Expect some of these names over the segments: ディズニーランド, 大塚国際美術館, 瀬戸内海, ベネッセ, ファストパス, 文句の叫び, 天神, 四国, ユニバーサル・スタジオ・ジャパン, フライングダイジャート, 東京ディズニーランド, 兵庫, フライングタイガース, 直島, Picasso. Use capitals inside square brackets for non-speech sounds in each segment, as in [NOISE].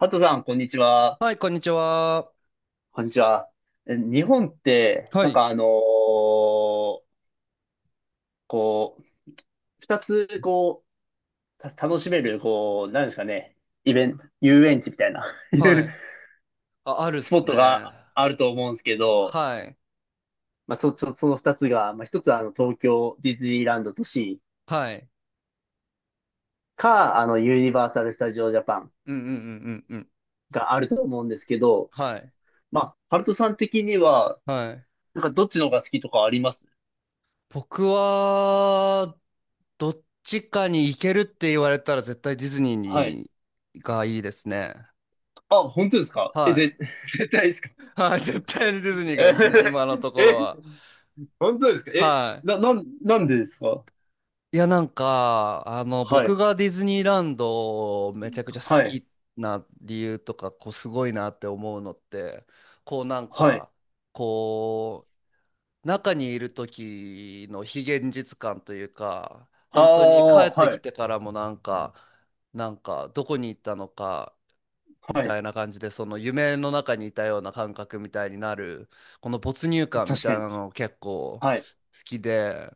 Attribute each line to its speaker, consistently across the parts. Speaker 1: ハトさん、こんにちは。
Speaker 2: はい、こんにちは。
Speaker 1: こんにちは。日本って、
Speaker 2: はい。
Speaker 1: こう、二つ、楽しめる、なんですかね、イベント、遊園地みたいな、[LAUGHS] い
Speaker 2: は
Speaker 1: う
Speaker 2: い。あ、あるっ
Speaker 1: スポ
Speaker 2: す
Speaker 1: ット
Speaker 2: ね。
Speaker 1: があると思うんですけど、
Speaker 2: はい。
Speaker 1: まあ、その二つが、まあ、一つは東京ディズニーランド都市
Speaker 2: はい。
Speaker 1: か、あの、ユニバーサル・スタジオ・ジャパン
Speaker 2: うんうんうんうんうん。
Speaker 1: があると思うんですけど、
Speaker 2: はい。
Speaker 1: まあ、ハルトさん的には、
Speaker 2: はい。
Speaker 1: なんかどっちの方が好きとかあります？
Speaker 2: 僕は、どっちかに行けるって言われたら絶対ディズニー
Speaker 1: はい。
Speaker 2: にがいいですね。
Speaker 1: あ、本当ですか？
Speaker 2: はい。
Speaker 1: [LAUGHS] 絶対ですか？
Speaker 2: はい。絶対にディズニーがい
Speaker 1: え、
Speaker 2: いですね。今のと
Speaker 1: [LAUGHS]
Speaker 2: ころ
Speaker 1: え、
Speaker 2: は。
Speaker 1: 本当ですか？え、
Speaker 2: は
Speaker 1: な、
Speaker 2: い。
Speaker 1: なん、なんでですか？
Speaker 2: いや、なんか、
Speaker 1: は
Speaker 2: 僕
Speaker 1: い、
Speaker 2: がディズニーランドをめちゃくちゃ好
Speaker 1: はい、
Speaker 2: きな理由とか、こう、すごいなって思うのって、こう、なん
Speaker 1: はい。
Speaker 2: か、こ中にいる時の非現実感というか、
Speaker 1: あ
Speaker 2: 本当に帰
Speaker 1: あ、
Speaker 2: って
Speaker 1: は
Speaker 2: き
Speaker 1: い、
Speaker 2: てからもなんか、なんか、どこに行ったのか、み
Speaker 1: は
Speaker 2: た
Speaker 1: い。
Speaker 2: いな感じで、その夢の中にいたような感覚みたいになる、この没入感み
Speaker 1: 確か
Speaker 2: たい
Speaker 1: に
Speaker 2: な
Speaker 1: 確かに。
Speaker 2: の結構好
Speaker 1: はい、
Speaker 2: きで、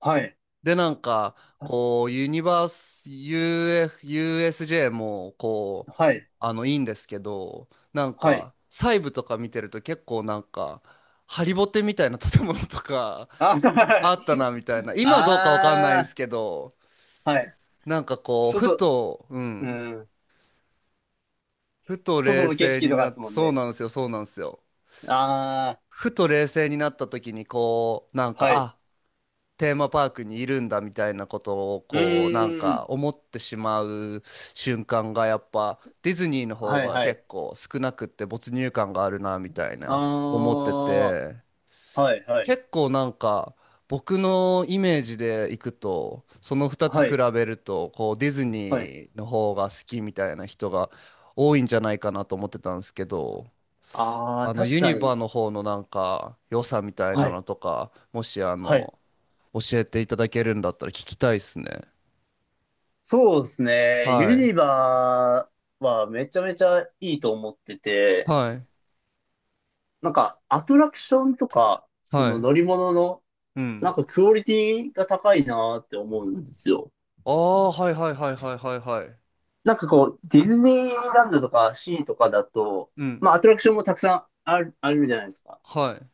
Speaker 1: はい、
Speaker 2: で、なんか、こう、ユニバース、UF、USJ も、こう、
Speaker 1: はい、
Speaker 2: いいんですけど、なん
Speaker 1: はい。
Speaker 2: か、細部とか見てると結構なんか、ハリボテみたいな建物とか、
Speaker 1: あ、
Speaker 2: [LAUGHS]
Speaker 1: は
Speaker 2: あ
Speaker 1: い。
Speaker 2: ったな、みたいな。今どうかわかんないんです
Speaker 1: あ
Speaker 2: けど、
Speaker 1: あ、はい。
Speaker 2: なんかこう、
Speaker 1: 外、うん。
Speaker 2: ふと
Speaker 1: 外
Speaker 2: 冷
Speaker 1: の景
Speaker 2: 静
Speaker 1: 色
Speaker 2: に
Speaker 1: とか
Speaker 2: なっ
Speaker 1: です
Speaker 2: て、
Speaker 1: もん
Speaker 2: そう
Speaker 1: ね。
Speaker 2: なんですよ、そうなんですよ。
Speaker 1: あ
Speaker 2: ふと冷静になった時に、こう、なん
Speaker 1: あ、
Speaker 2: か、
Speaker 1: はい。
Speaker 2: あ、テーマパークにいるんだみたいなことを
Speaker 1: う
Speaker 2: こうなん
Speaker 1: ー
Speaker 2: か
Speaker 1: ん。
Speaker 2: 思ってしまう瞬間がやっぱディズニーの方
Speaker 1: はい
Speaker 2: が
Speaker 1: はい。
Speaker 2: 結構少なくって没入感があるなみたい
Speaker 1: あ
Speaker 2: な思ってて、
Speaker 1: あ、はいはい。
Speaker 2: 結構なんか僕のイメージでいくとその2つ
Speaker 1: は
Speaker 2: 比
Speaker 1: い、
Speaker 2: べるとこうディズ
Speaker 1: はい。
Speaker 2: ニーの方が好きみたいな人が多いんじゃないかなと思ってたんですけど、
Speaker 1: ああ、
Speaker 2: あの
Speaker 1: 確
Speaker 2: ユ
Speaker 1: か
Speaker 2: ニバ
Speaker 1: に。
Speaker 2: の方のなんか良さみたい
Speaker 1: は
Speaker 2: な
Speaker 1: い
Speaker 2: のとかもしあ
Speaker 1: はい。
Speaker 2: の教えていただけるんだったら聞きたいっすね。
Speaker 1: そうですね。
Speaker 2: は
Speaker 1: ユ
Speaker 2: い。
Speaker 1: ニバはめちゃめちゃいいと思ってて、
Speaker 2: はい。
Speaker 1: なんかアトラクションとか、そ
Speaker 2: は
Speaker 1: の
Speaker 2: い。
Speaker 1: 乗り物の、
Speaker 2: う
Speaker 1: なん
Speaker 2: ん。
Speaker 1: かクオリティが高いなって思うんですよ。
Speaker 2: ああ、はいはいはいはいはいはい。
Speaker 1: なんかこう、ディズニーランドとかシーとかだと、
Speaker 2: うん。
Speaker 1: まあアトラクションもたくさんある、あるじゃないですか。
Speaker 2: はい。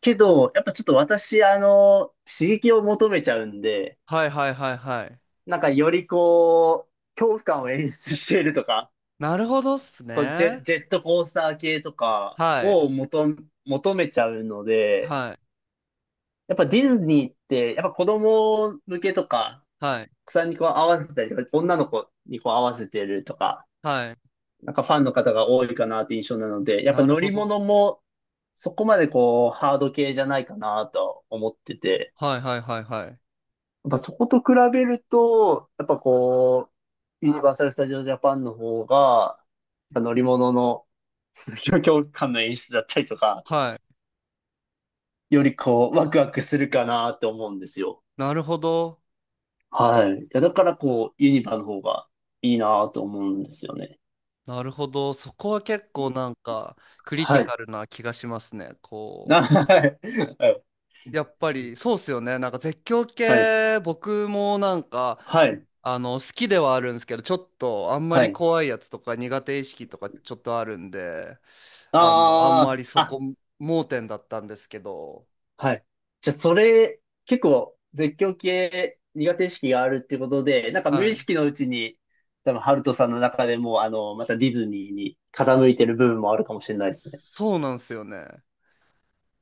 Speaker 1: けど、やっぱちょっと私、あの、刺激を求めちゃうんで、
Speaker 2: はいはいはいはい。
Speaker 1: なんかよりこう、恐怖感を演出しているとか、
Speaker 2: なるほどっす
Speaker 1: こう
Speaker 2: ね。
Speaker 1: ジェットコースター系とか
Speaker 2: はい。
Speaker 1: を求めちゃうので、
Speaker 2: はい。
Speaker 1: やっぱディズニーって、やっぱ子供向けとか、
Speaker 2: はい。
Speaker 1: 草にこう合わせたりとか、女の子にこう合わせてるとか、
Speaker 2: はい。
Speaker 1: なんかファンの方が多いかなって印象なので、やっぱ
Speaker 2: なる
Speaker 1: 乗
Speaker 2: ほ
Speaker 1: り
Speaker 2: ど。
Speaker 1: 物もそこまでこうハード系じゃないかなと思ってて、
Speaker 2: はいはいはいはい。
Speaker 1: やっぱそこと比べると、やっぱこう、ユニバーサル・スタジオ・ジャパンの方が、やっぱ乗り物の [LAUGHS]、強強感の演出だったりとか、
Speaker 2: はい。
Speaker 1: よりこう、ワクワクするかなって思うんですよ。
Speaker 2: なるほど。
Speaker 1: はい。いや、だからこう、ユニバの方がいいなと思うんですよね。
Speaker 2: なるほど。そこは結構なんかクリテ
Speaker 1: は
Speaker 2: ィ
Speaker 1: い。
Speaker 2: カルな気がしますね。こ
Speaker 1: あ、
Speaker 2: う。
Speaker 1: はい。
Speaker 2: やっぱりそうっすよね。なんか絶叫
Speaker 1: はい。
Speaker 2: 系僕もなんか
Speaker 1: はい。
Speaker 2: 好きではあるんですけど、ちょっとあんま
Speaker 1: は
Speaker 2: り
Speaker 1: い。
Speaker 2: 怖いやつとか苦手意識とかちょっとあるんで、あんま
Speaker 1: あ
Speaker 2: り
Speaker 1: あ、
Speaker 2: そこ
Speaker 1: あ、
Speaker 2: 盲点だったんですけど、
Speaker 1: はい。じゃあ、それ、結構、絶叫系苦手意識があるってことで、なんか無
Speaker 2: は
Speaker 1: 意
Speaker 2: い。
Speaker 1: 識のうちに、多分、ハルトさんの中でも、あの、またディズニーに傾いてる部分もあるかもしれないですね。
Speaker 2: そうなんですよね。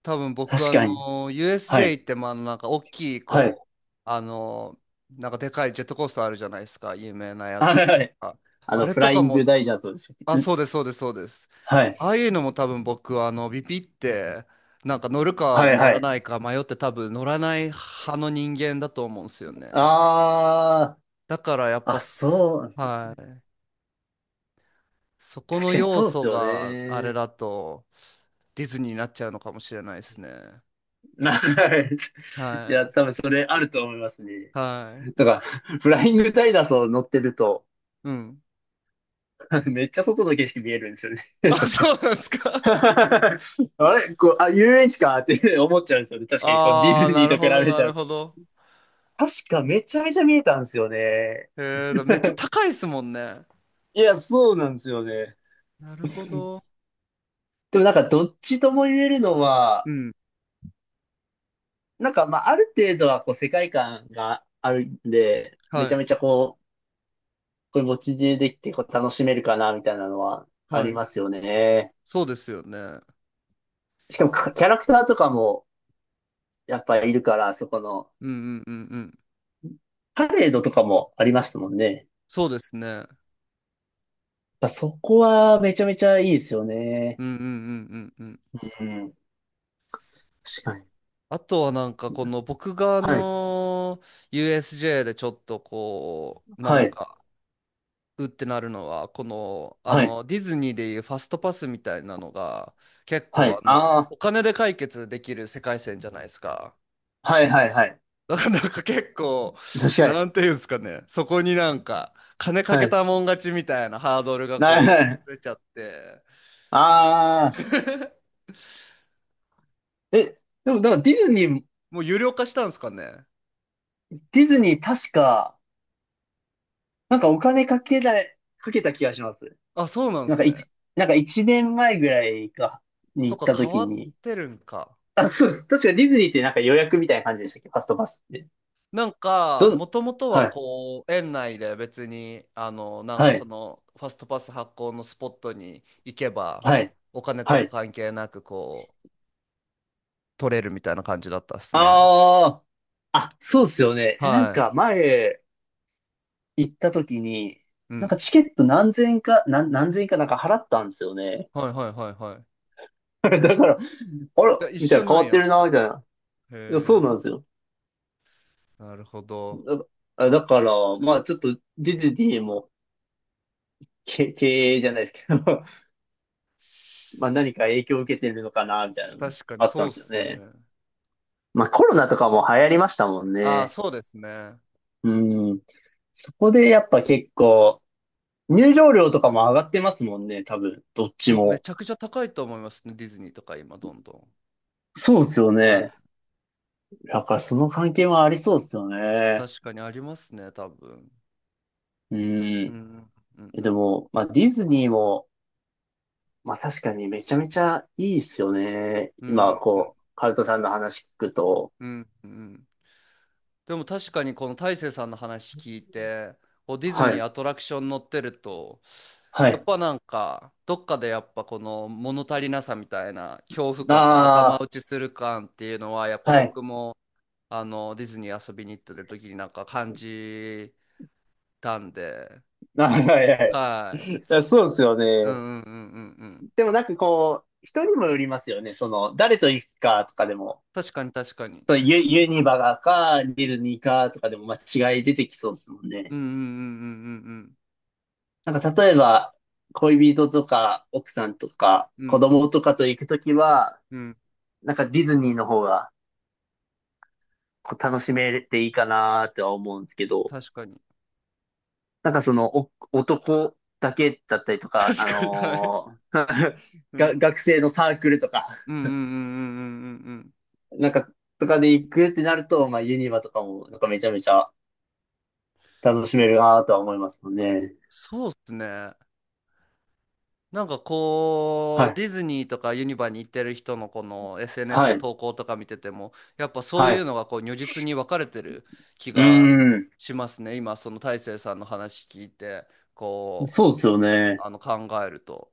Speaker 2: 多分僕
Speaker 1: 確
Speaker 2: あ
Speaker 1: かに。
Speaker 2: の、
Speaker 1: はい。
Speaker 2: USJ ってまあなんか大きい
Speaker 1: はい。
Speaker 2: こう、あの、なんかでかいジェットコースターあるじゃないですか、有名なや
Speaker 1: あ、
Speaker 2: つ。
Speaker 1: はい。
Speaker 2: ああれ
Speaker 1: フ
Speaker 2: と
Speaker 1: ラ
Speaker 2: か
Speaker 1: イング
Speaker 2: も、
Speaker 1: ダイジャートでしたっ
Speaker 2: あ、
Speaker 1: け？ん、
Speaker 2: そうです、そうです、そうです。
Speaker 1: は
Speaker 2: あ
Speaker 1: い。
Speaker 2: あいうのも多分僕はあのビビってなんか乗るか
Speaker 1: はい
Speaker 2: 乗
Speaker 1: は
Speaker 2: ら
Speaker 1: い。
Speaker 2: ないか迷って多分乗らない派の人間だと思うんですよね。
Speaker 1: ああ、
Speaker 2: だからやっぱ
Speaker 1: あ、
Speaker 2: す、
Speaker 1: そう、
Speaker 2: はい。そこの
Speaker 1: 確かに
Speaker 2: 要
Speaker 1: そうで
Speaker 2: 素
Speaker 1: すよ
Speaker 2: があれ
Speaker 1: ね。
Speaker 2: だとディズニーになっちゃうのかもしれないですね。
Speaker 1: はい。[LAUGHS] い
Speaker 2: は
Speaker 1: や、
Speaker 2: い。
Speaker 1: 多分それあると思いますね。
Speaker 2: はい。
Speaker 1: だから、フライングタイガースを乗ってると、
Speaker 2: うん。
Speaker 1: [LAUGHS] めっちゃ外の景色見えるんですよ
Speaker 2: [LAUGHS]
Speaker 1: ね。[LAUGHS] 確
Speaker 2: あ、そ
Speaker 1: か。
Speaker 2: うなんです
Speaker 1: [LAUGHS]
Speaker 2: か。
Speaker 1: あれこう、あ、遊園地かって思っちゃうんですよね。
Speaker 2: [LAUGHS]
Speaker 1: 確かにこうディ
Speaker 2: ああ、
Speaker 1: ズニ
Speaker 2: な
Speaker 1: ー
Speaker 2: る
Speaker 1: と
Speaker 2: ほど、
Speaker 1: 比べ
Speaker 2: な
Speaker 1: ちゃ
Speaker 2: る
Speaker 1: う。
Speaker 2: ほど。
Speaker 1: 確かめちゃめちゃ見えたんですよね。
Speaker 2: えー、めっちゃ
Speaker 1: [LAUGHS]
Speaker 2: 高いですもんね。
Speaker 1: いや、そうなんですよね。
Speaker 2: なるほど。
Speaker 1: でもなんかどっちとも言えるの
Speaker 2: う
Speaker 1: は、
Speaker 2: ん。
Speaker 1: なんか、まあ、ある程度は、こう、世界観があるんで、め
Speaker 2: は
Speaker 1: ちゃ
Speaker 2: い。
Speaker 1: めちゃ、こう、これ、ぼっちでできて、こう、楽しめるかな、みたいなのはあ
Speaker 2: は
Speaker 1: り
Speaker 2: い。
Speaker 1: ますよね。
Speaker 2: そうですよね。
Speaker 1: しかも、キャラクターとかも、やっぱりいるから、そこの、
Speaker 2: うんうんうんうん。
Speaker 1: パレードとかもありましたもんね。やっ
Speaker 2: そうですね。
Speaker 1: ぱそこは、めちゃめちゃいいですよね。
Speaker 2: うんうんうんうんうん。
Speaker 1: うん。確かに。
Speaker 2: あとはなんかこの僕があ
Speaker 1: はい。
Speaker 2: の USJ でちょっとこうな
Speaker 1: は
Speaker 2: ん
Speaker 1: い。
Speaker 2: かうってなるのは、このあ
Speaker 1: はい。
Speaker 2: のディズニーでいうファストパスみたいなのが結
Speaker 1: は
Speaker 2: 構
Speaker 1: い。
Speaker 2: あの
Speaker 1: ああ。
Speaker 2: お金で解決できる世界線じゃないですか。
Speaker 1: はい、はい、はい。
Speaker 2: だからなんか結構
Speaker 1: 確かに。
Speaker 2: なんていうんですかね、そこになんか金か
Speaker 1: は
Speaker 2: け
Speaker 1: い。
Speaker 2: たもん勝ちみたいなハードルが
Speaker 1: な
Speaker 2: こ
Speaker 1: [LAUGHS]
Speaker 2: う出ちゃって、
Speaker 1: ああ。
Speaker 2: [LAUGHS]
Speaker 1: え、でも、なんか、
Speaker 2: もう有料化したんですかね。
Speaker 1: ディズニー、確か、なんかお金かけた、かけた気がします。
Speaker 2: あ、そうなんで
Speaker 1: なん
Speaker 2: す
Speaker 1: か
Speaker 2: ね。
Speaker 1: 一、なんか一年前ぐらいか、に
Speaker 2: そっ
Speaker 1: 行っ
Speaker 2: か、
Speaker 1: た
Speaker 2: 変
Speaker 1: 時
Speaker 2: わっ
Speaker 1: に、
Speaker 2: てるんか。
Speaker 1: あ、そうです。確かディズニーってなんか予約みたいな感じでしたっけ？ファストパスって。
Speaker 2: なんか、
Speaker 1: どん、
Speaker 2: もともとは
Speaker 1: はい、
Speaker 2: こう、園内で別に、あの、なん
Speaker 1: は
Speaker 2: かそ
Speaker 1: い、
Speaker 2: の、ファストパス発行のスポットに行けば、
Speaker 1: はい、
Speaker 2: お金と
Speaker 1: は
Speaker 2: か
Speaker 1: い。
Speaker 2: 関係なく、こう、取れるみたいな感じだったっすね。
Speaker 1: ああ、あ、そうですよね。え、なん
Speaker 2: はい。
Speaker 1: か前行った時に、
Speaker 2: う
Speaker 1: なんか
Speaker 2: ん。
Speaker 1: チケット何千円か、何千円かなんか払ったんですよね。
Speaker 2: はいはいはいはい。
Speaker 1: [LAUGHS] だから、あら、
Speaker 2: いや、一
Speaker 1: みたい
Speaker 2: 緒
Speaker 1: な変
Speaker 2: なん
Speaker 1: わって
Speaker 2: や、
Speaker 1: る
Speaker 2: そ
Speaker 1: な、み
Speaker 2: こ。
Speaker 1: たいな。いや、そ
Speaker 2: へ
Speaker 1: う
Speaker 2: え、
Speaker 1: なんですよ。
Speaker 2: なるほど。
Speaker 1: だ、だから、まあちょっとディズニーも、[LAUGHS] 経営じゃないですけど [LAUGHS] まあ何か影響を受けてるのかな、みたいなの
Speaker 2: 確かに
Speaker 1: あった
Speaker 2: そう
Speaker 1: ん
Speaker 2: っ
Speaker 1: ですよ
Speaker 2: す
Speaker 1: ね。
Speaker 2: ね。
Speaker 1: まあコロナとかも流行りましたもん
Speaker 2: ああ、
Speaker 1: ね。
Speaker 2: そうですね。
Speaker 1: うん。そこでやっぱ結構、入場料とかも上がってますもんね、多分、どっち
Speaker 2: もうめ
Speaker 1: も。
Speaker 2: ちゃくちゃ高いと思いますね、ディズニーとか今、どんどん。
Speaker 1: そうですよ
Speaker 2: は
Speaker 1: ね。
Speaker 2: い。
Speaker 1: だからその関係はありそうですよね。
Speaker 2: 確かにありますね、多分。
Speaker 1: う
Speaker 2: う
Speaker 1: ん。
Speaker 2: ん、うん、う
Speaker 1: で
Speaker 2: ん、
Speaker 1: も、まあディズニーも、まあ確かにめちゃめちゃいいですよね。
Speaker 2: うん、
Speaker 1: 今、こう、カルトさんの話聞くと。
Speaker 2: うん、うん。でも確かにこの大勢さんの話聞いて、こうディズ
Speaker 1: は
Speaker 2: ニー
Speaker 1: い。
Speaker 2: アトラクション乗ってると、
Speaker 1: は
Speaker 2: やっ
Speaker 1: い。
Speaker 2: ぱなんか、どっかでやっぱこの物足りなさみたいな恐怖感が頭
Speaker 1: あ
Speaker 2: 打ちする感っていうのは、やっぱ
Speaker 1: あ、はい。
Speaker 2: 僕もあのディズニー遊びに行ってる時になんか感じたんで、
Speaker 1: [LAUGHS] あ、はいはい。
Speaker 2: はい。
Speaker 1: いやそうですよ
Speaker 2: うん
Speaker 1: ね。
Speaker 2: うんうんうんうん。
Speaker 1: でもなんかこう、人にもよりますよね。その、誰と行くかとかでも、
Speaker 2: 確かに確かに。
Speaker 1: ユニバガか、ディズニーかとかでも、まあ、違い出てきそうですもん
Speaker 2: う
Speaker 1: ね。
Speaker 2: んうんうん
Speaker 1: なんか例えば、恋人とか、奥さんとか、
Speaker 2: うんうんうん。う
Speaker 1: 子
Speaker 2: ん
Speaker 1: 供とかと行くときは、
Speaker 2: うん
Speaker 1: なんかディズニーの方がこう楽しめていいかなっては思うんですけど、
Speaker 2: 確かに。
Speaker 1: なんかその、男だけだったりとか、
Speaker 2: 確かに、はい。
Speaker 1: [LAUGHS]
Speaker 2: う
Speaker 1: が
Speaker 2: ん。
Speaker 1: 学生のサークルとか、
Speaker 2: うんうんうんうんうんうんうん。
Speaker 1: なんか、とかで行くってなると、まあ、ユニバとかも、なんかめちゃめちゃ楽しめるなとは思いますもんね。
Speaker 2: そうっすね。なんかこ
Speaker 1: は
Speaker 2: う、
Speaker 1: い。
Speaker 2: ディズニーとかユニバに行ってる人のこの SNS
Speaker 1: は
Speaker 2: の
Speaker 1: い。
Speaker 2: 投稿とか見てても、やっぱそう
Speaker 1: は
Speaker 2: いう
Speaker 1: い。
Speaker 2: のがこう如実に分かれてる気
Speaker 1: うー
Speaker 2: が
Speaker 1: ん。
Speaker 2: しますね。今、その大成さんの話聞いて、こう、
Speaker 1: そうですよね。
Speaker 2: あの考えると。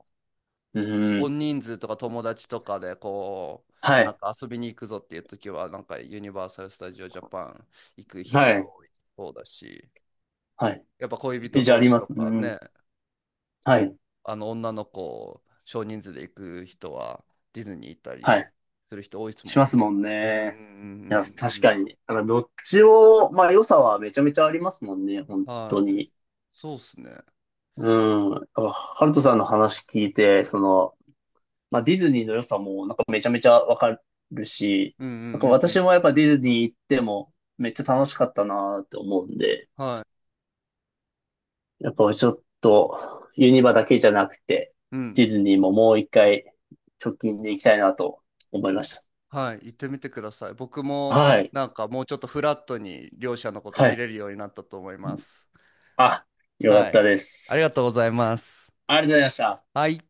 Speaker 1: うー
Speaker 2: 大
Speaker 1: ん。
Speaker 2: 人数とか友達とかでこう、
Speaker 1: は
Speaker 2: なん
Speaker 1: い。
Speaker 2: か遊びに行くぞっていう時は、なんかユニバーサル・スタジオ・ジャパン行く人
Speaker 1: は
Speaker 2: が
Speaker 1: い。
Speaker 2: 多いそうだし。
Speaker 1: はい。
Speaker 2: やっぱ恋人
Speaker 1: イじゃあ
Speaker 2: 同
Speaker 1: り
Speaker 2: 士
Speaker 1: ま
Speaker 2: と
Speaker 1: す。う
Speaker 2: か
Speaker 1: ん。
Speaker 2: ね、
Speaker 1: はい。
Speaker 2: あの女の子、少人数で行く人はディズニー行った
Speaker 1: は
Speaker 2: り
Speaker 1: い。
Speaker 2: する人多いです
Speaker 1: し
Speaker 2: も
Speaker 1: ま
Speaker 2: ん
Speaker 1: す
Speaker 2: ね。
Speaker 1: もん
Speaker 2: うんうんうん
Speaker 1: ね。いや、確
Speaker 2: うんう
Speaker 1: か
Speaker 2: ん。
Speaker 1: に。あの、どっちを、まあ、良さはめちゃめちゃありますもんね。本
Speaker 2: は
Speaker 1: 当
Speaker 2: い。
Speaker 1: に。
Speaker 2: そうっすね。
Speaker 1: うん。ハルトさんの話聞いて、その、まあ、ディズニーの良さもなんかめちゃめちゃわかるし、
Speaker 2: うんうんう
Speaker 1: なんか
Speaker 2: んう
Speaker 1: 私
Speaker 2: ん。
Speaker 1: もやっぱディズニー行ってもめっちゃ楽しかったなって思うんで、
Speaker 2: は
Speaker 1: やっぱちょっとユニバだけじゃなくて、
Speaker 2: い。うん。
Speaker 1: ディズニーももう一回直近で行きたいなと思いまし
Speaker 2: はい。行ってみてください。僕
Speaker 1: た。
Speaker 2: も
Speaker 1: はい。
Speaker 2: なんかもうちょっとフラットに両者のこと
Speaker 1: は
Speaker 2: 見
Speaker 1: い。
Speaker 2: れるようになったと思います。
Speaker 1: あ、よかっ
Speaker 2: は
Speaker 1: た
Speaker 2: い。
Speaker 1: で
Speaker 2: ありが
Speaker 1: す。
Speaker 2: とうございます。
Speaker 1: ありがとうございました。
Speaker 2: はい。